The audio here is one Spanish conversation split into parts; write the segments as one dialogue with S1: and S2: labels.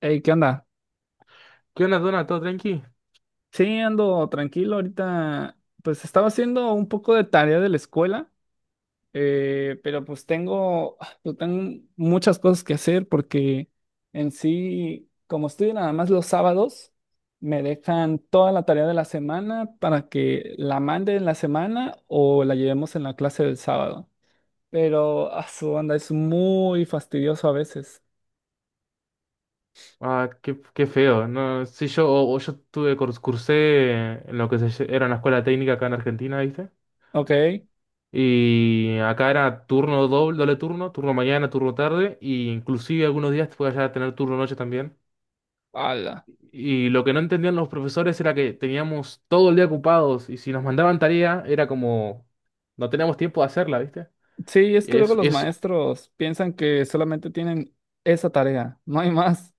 S1: Hey, ¿qué onda?
S2: ¿Qué onda, Dona? ¿Todo tranqui?
S1: Sí, ando tranquilo ahorita. Pues estaba haciendo un poco de tarea de la escuela, pero pues tengo, pues, tengo muchas cosas que hacer porque en sí, como estudio nada más los sábados, me dejan toda la tarea de la semana para que la mande en la semana o la llevemos en la clase del sábado. Pero a su onda es muy fastidioso a veces.
S2: Ah, qué feo. No, sí, yo, o yo tuve cursé en lo que se, lle- era una escuela técnica acá en Argentina, ¿viste?
S1: Ok.
S2: Y acá era turno doble, doble turno, turno mañana, turno tarde, y inclusive algunos días te podías llegar a tener turno noche también.
S1: Ala.
S2: Y lo que no entendían los profesores era que teníamos todo el día ocupados, y si nos mandaban tarea, era como no teníamos tiempo de hacerla, ¿viste?
S1: Sí, es que luego
S2: Es,
S1: los
S2: es,
S1: maestros piensan que solamente tienen esa tarea, no hay más.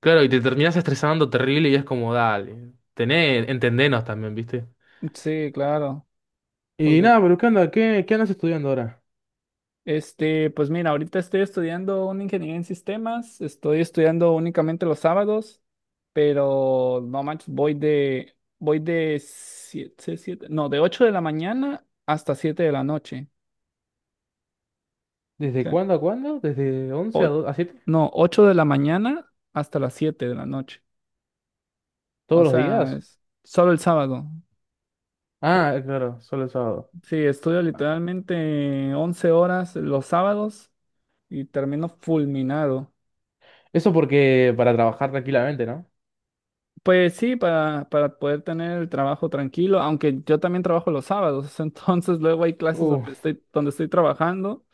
S2: claro, y te terminas estresando terrible y es como, dale, tené, entendenos también, ¿viste?
S1: Sí, claro,
S2: Y
S1: porque
S2: nada, pero ¿qué onda? ¿Qué andas estudiando ahora?
S1: este, pues mira, ahorita estoy estudiando una ingeniería en sistemas, estoy estudiando únicamente los sábados, pero no manches, voy de siete, siete- no, de 8 de la mañana hasta 7 de la noche. O
S2: ¿Desde
S1: sea,
S2: cuándo a cuándo? ¿Desde 11
S1: o-
S2: a 7?
S1: no, 8 de la mañana hasta las 7 de la noche. O
S2: ¿Todos los
S1: sea,
S2: días?
S1: es solo el sábado.
S2: Ah, claro, solo el sábado.
S1: Sí, estudio literalmente 11 horas los sábados y termino fulminado.
S2: Eso porque para trabajar tranquilamente, ¿no?
S1: Pues sí, para poder tener el trabajo tranquilo, aunque yo también trabajo los sábados, entonces luego hay clases
S2: Uh,
S1: donde estoy trabajando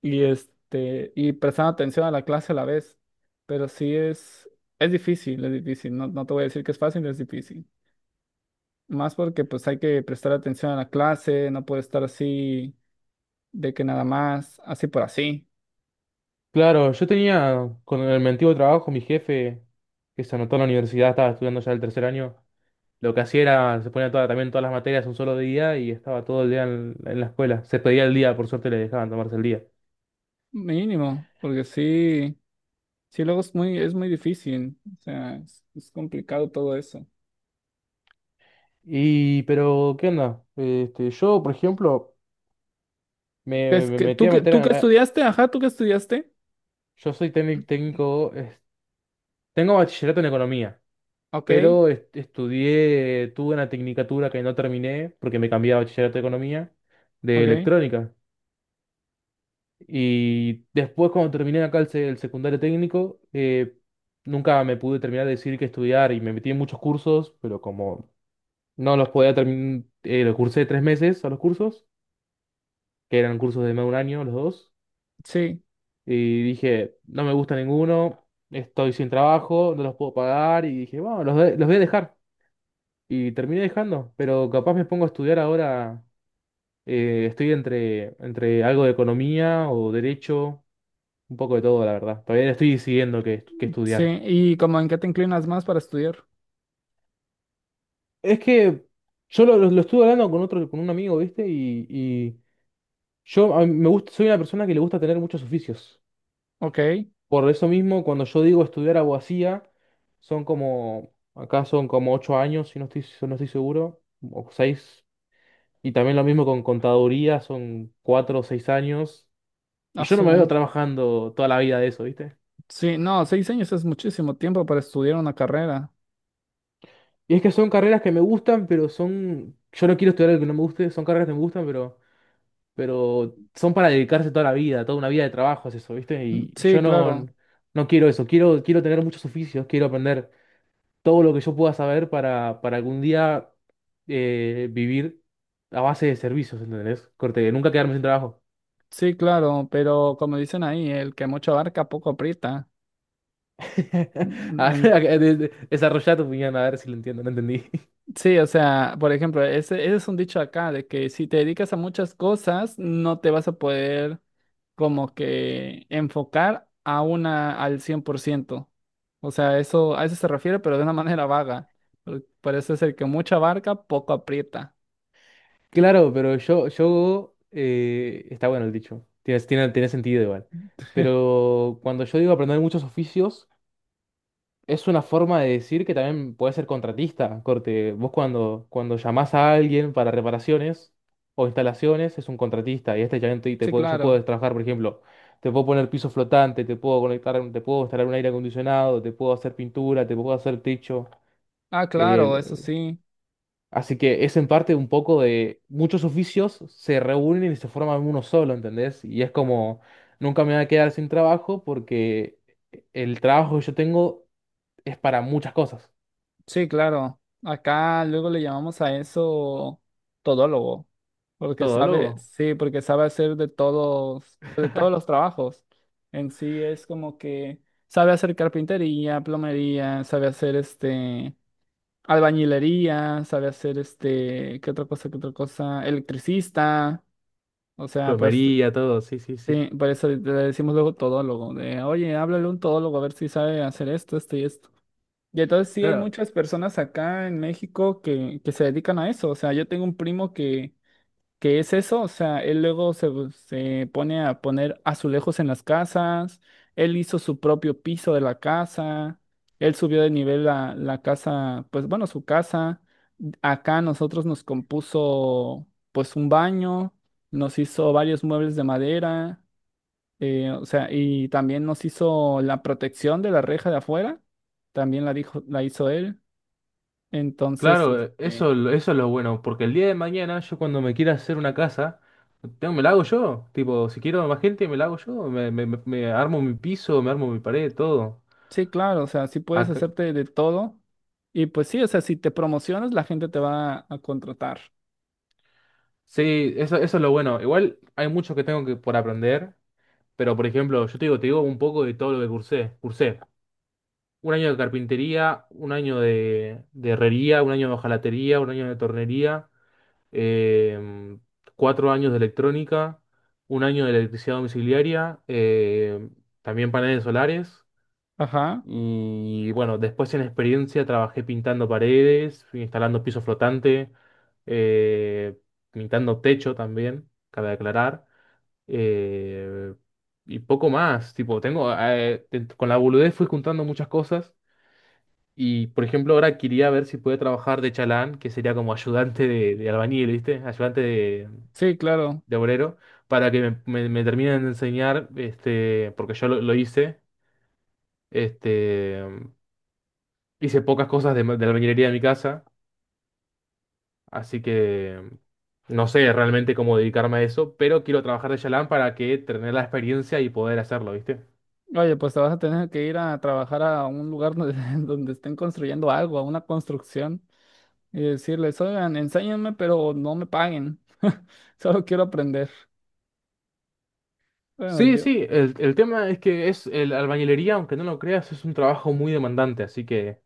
S1: y, este, y prestando atención a la clase a la vez. Pero sí es difícil, no, no te voy a decir que es fácil, es difícil. Más porque pues hay que prestar atención a la clase, no puede estar así de que nada más, así por así.
S2: claro, yo tenía con el mi antiguo trabajo, mi jefe, que se anotó en la universidad, estaba estudiando ya el tercer año. Lo que hacía era, se ponía toda, también todas las materias un solo día y estaba todo el día en la escuela. Se pedía el día, por suerte le dejaban tomarse el día.
S1: Mínimo, porque sí, sí luego es muy difícil, o sea, es complicado todo eso.
S2: Y, pero, ¿qué onda? Este, yo, por ejemplo, me, me-
S1: Es
S2: me
S1: que,
S2: metí
S1: ¿tú
S2: a
S1: que,
S2: meter
S1: tú que
S2: a.
S1: estudiaste? Ajá, ¿tú que estudiaste?
S2: Yo soy técnico, tengo bachillerato en economía,
S1: Ok,
S2: pero estudié, tuve una tecnicatura que no terminé porque me cambié a bachillerato de economía de
S1: ok,
S2: electrónica. Y después cuando terminé acá el secundario técnico, nunca me pude terminar de decir qué estudiar y me metí en muchos cursos, pero como no los podía terminar, los cursé 3 meses a los cursos, que eran cursos de más de un año los dos.
S1: sí,
S2: Y dije, no me gusta ninguno, estoy sin trabajo, no los puedo pagar. Y dije, bueno, los voy a dejar. Y terminé dejando, pero capaz me pongo a estudiar ahora. Estoy entre algo de economía o derecho, un poco de todo, la verdad. Todavía estoy decidiendo qué
S1: sí,
S2: estudiar.
S1: ¿y como en qué te inclinas más para estudiar?
S2: Es que yo lo estuve hablando con otro, con un amigo, ¿viste? Y yo a mí me gusta, soy una persona que le gusta tener muchos oficios.
S1: Ok,
S2: Por eso mismo, cuando yo digo estudiar abogacía, acá son como 8 años, si no estoy seguro, o 6, y también lo mismo con contaduría, son 4 o 6 años, y yo no me veo
S1: azul.
S2: trabajando toda la vida de eso, ¿viste?
S1: Sí, no, 6 años es muchísimo tiempo para estudiar una carrera.
S2: Y es que son carreras que me gustan, pero son, yo no quiero estudiar algo que no me guste, son carreras que me gustan, pero son para dedicarse toda la vida, toda una vida de trabajo es eso, ¿viste? Y yo
S1: Sí,
S2: no,
S1: claro,
S2: no quiero eso, quiero tener muchos oficios, quiero aprender todo lo que yo pueda saber para algún día vivir a base de servicios, ¿entendés? Corte, nunca quedarme sin trabajo.
S1: sí, claro, pero como dicen ahí, el que mucho abarca, poco aprieta. Mm.
S2: Desarrollá tu opinión, a ver si lo entiendo, no entendí.
S1: Sí, o sea, por ejemplo, ese es un dicho acá de que si te dedicas a muchas cosas, no te vas a poder como que enfocar a una al 100%. O sea, eso a eso se refiere, pero de una manera vaga. Por eso es el que mucha barca, poco aprieta.
S2: Claro, pero está bueno el dicho, tiene sentido igual. Pero cuando yo digo aprender muchos oficios, es una forma de decir que también puede ser contratista, corte. Vos cuando llamás a alguien para reparaciones o instalaciones, es un contratista. Y este ya
S1: Sí,
S2: yo
S1: claro.
S2: puedo trabajar, por ejemplo, te puedo poner piso flotante, te puedo conectar, te puedo instalar un aire acondicionado, te puedo hacer pintura, te puedo hacer techo.
S1: Ah, claro, eso
S2: el-
S1: sí.
S2: Así que es en parte un poco de muchos oficios se reúnen y se forman uno solo, ¿entendés? Y es como, nunca me voy a quedar sin trabajo porque el trabajo que yo tengo es para muchas cosas.
S1: Sí, claro. Acá luego le llamamos a eso todólogo, porque sabe,
S2: Todólogo,
S1: sí, porque sabe hacer de todos los trabajos. En sí es como que sabe hacer carpintería, plomería, sabe hacer este albañilería, sabe hacer este, ¿qué otra cosa, qué otra cosa? Electricista. O sea, pues
S2: plomería, todo, sí, sí,
S1: sí,
S2: sí.
S1: por eso le decimos luego todólogo, de, oye, háblale a un todólogo a ver si sabe hacer esto, esto y esto. Y entonces sí hay
S2: Claro,
S1: muchas personas acá en México que, se dedican a eso. O sea, yo tengo un primo que, es eso. O sea, él luego se pone a poner azulejos en las casas. Él hizo su propio piso de la casa. Él subió de nivel la casa, pues bueno, su casa. Acá nosotros nos compuso pues un baño. Nos hizo varios muebles de madera. O sea, y también nos hizo la protección de la reja de afuera, también la dijo, la hizo él. Entonces,
S2: claro, eso,
S1: este,
S2: eso es lo bueno, porque el día de mañana yo cuando me quiera hacer una casa, tengo, me la hago yo, tipo, si quiero más gente, me la hago yo, me armo mi piso, me armo mi pared, todo.
S1: sí, claro, o sea, sí puedes
S2: Acá-
S1: hacerte de todo. Y pues sí, o sea, si te promocionas, la gente te va a contratar.
S2: sí, eso es lo bueno. Igual hay mucho que tengo que por aprender, pero por ejemplo, yo te digo un poco de todo lo que cursé. Cursé un año de carpintería, un año de herrería, un año de hojalatería, un año de tornería. em, 4 años de electrónica, un año de electricidad domiciliaria, también paneles solares.
S1: Ajá,
S2: Y bueno, después en experiencia trabajé pintando paredes, fui instalando piso flotante, eh, pintando techo también, cabe aclarar. eh, y poco más, tipo, tengo, con la boludez fui juntando muchas cosas. Y por ejemplo, ahora quería ver si puede trabajar de chalán, que sería como ayudante de albañil, ¿viste? Ayudante de,
S1: sí, claro.
S2: de obrero para que me terminen de enseñar, este, porque yo lo hice, este, hice pocas cosas de la albañilería de mi casa, así que no sé realmente cómo dedicarme a eso, pero quiero trabajar de chalán para que tener la experiencia y poder hacerlo, ¿viste?
S1: Oye, pues te vas a tener que ir a trabajar a un lugar donde, donde estén construyendo algo, a una construcción, y decirles, oigan, enséñenme, pero no me paguen. Solo quiero aprender. Bueno,
S2: Sí,
S1: yo.
S2: sí, el tema es que es el albañilería, aunque no lo creas, es un trabajo muy demandante, así que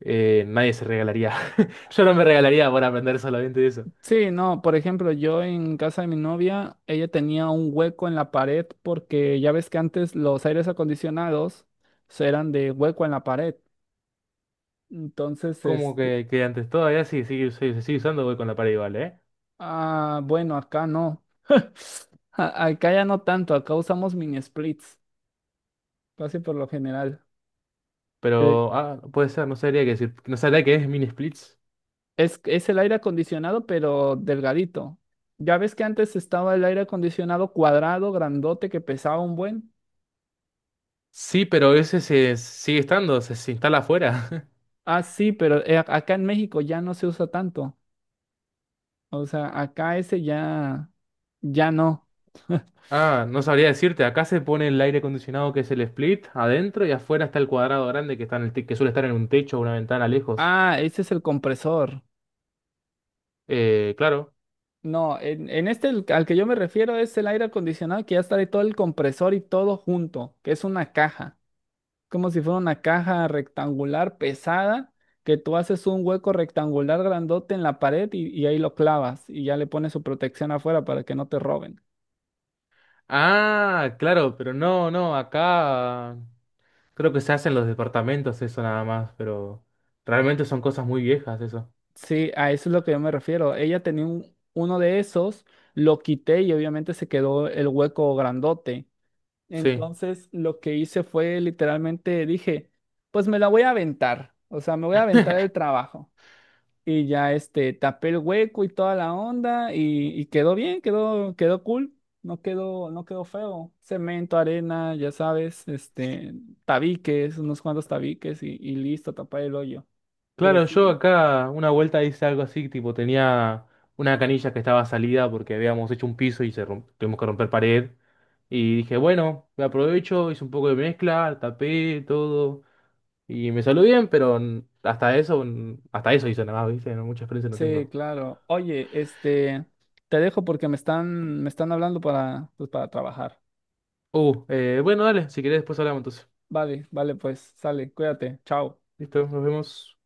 S2: nadie se regalaría. Yo no me regalaría por aprender solamente eso.
S1: Sí, no, por ejemplo, yo en casa de mi novia, ella tenía un hueco en la pared porque ya ves que antes los aires acondicionados se eran de hueco en la pared. Entonces,
S2: Como
S1: este,
S2: que antes todavía sí, sí, sí, se sigue usando, voy con la pared igual, ¿eh?
S1: ah, bueno, acá no. Acá ya no tanto, acá usamos mini splits, casi por lo general. Eh,
S2: Pero, ah, no puede ser, no sabría qué decir. No sabría qué es Mini Splits.
S1: es el aire acondicionado, pero delgadito. Ya ves que antes estaba el aire acondicionado cuadrado, grandote, que pesaba un buen.
S2: Sí, pero ese se sigue estando, se instala afuera.
S1: Ah, sí, pero acá en México ya no se usa tanto. O sea, acá ese ya, ya no.
S2: Ah, no sabría decirte. Acá se pone el aire acondicionado que es el split adentro y afuera está el cuadrado grande que está en el que suele estar en un techo o una ventana lejos.
S1: Ah, ese es el compresor.
S2: Claro.
S1: No, en este el- al que yo me refiero es el aire acondicionado que ya está de todo el compresor y todo junto, que es una caja, como si fuera una caja rectangular pesada, que tú haces un hueco rectangular grandote en la pared y, ahí lo clavas y ya le pones su protección afuera para que no te roben.
S2: Ah, claro, pero no, no, acá creo que se hacen los departamentos eso nada más, pero realmente son cosas muy viejas eso.
S1: Sí, a eso es lo que yo me refiero. Ella tenía un- uno de esos, lo quité y obviamente se quedó el hueco grandote.
S2: Sí.
S1: Entonces, lo que hice fue literalmente dije, pues me la voy a aventar, o sea, me voy a aventar el trabajo. Y ya este, tapé el hueco y toda la onda y, quedó bien, quedó, quedó cool, no quedó, no quedó feo. Cemento, arena, ya sabes, este, tabiques, unos cuantos tabiques y listo, tapar el hoyo. Pero
S2: Claro, yo
S1: sí,
S2: acá una vuelta hice algo así, tipo tenía una canilla que estaba salida porque habíamos hecho un piso y tuvimos que romper pared. Y dije, bueno, me aprovecho, hice un poco de mezcla, tapé todo. Y me salió bien, pero hasta eso hice nada más, ¿viste? No, mucha experiencia no
S1: sí,
S2: tengo.
S1: claro. Oye, este, te dejo porque me están hablando para, pues, para trabajar.
S2: Bueno, dale, si querés después hablamos entonces.
S1: Vale, vale, pues sale, cuídate, chao.
S2: Listo, nos vemos.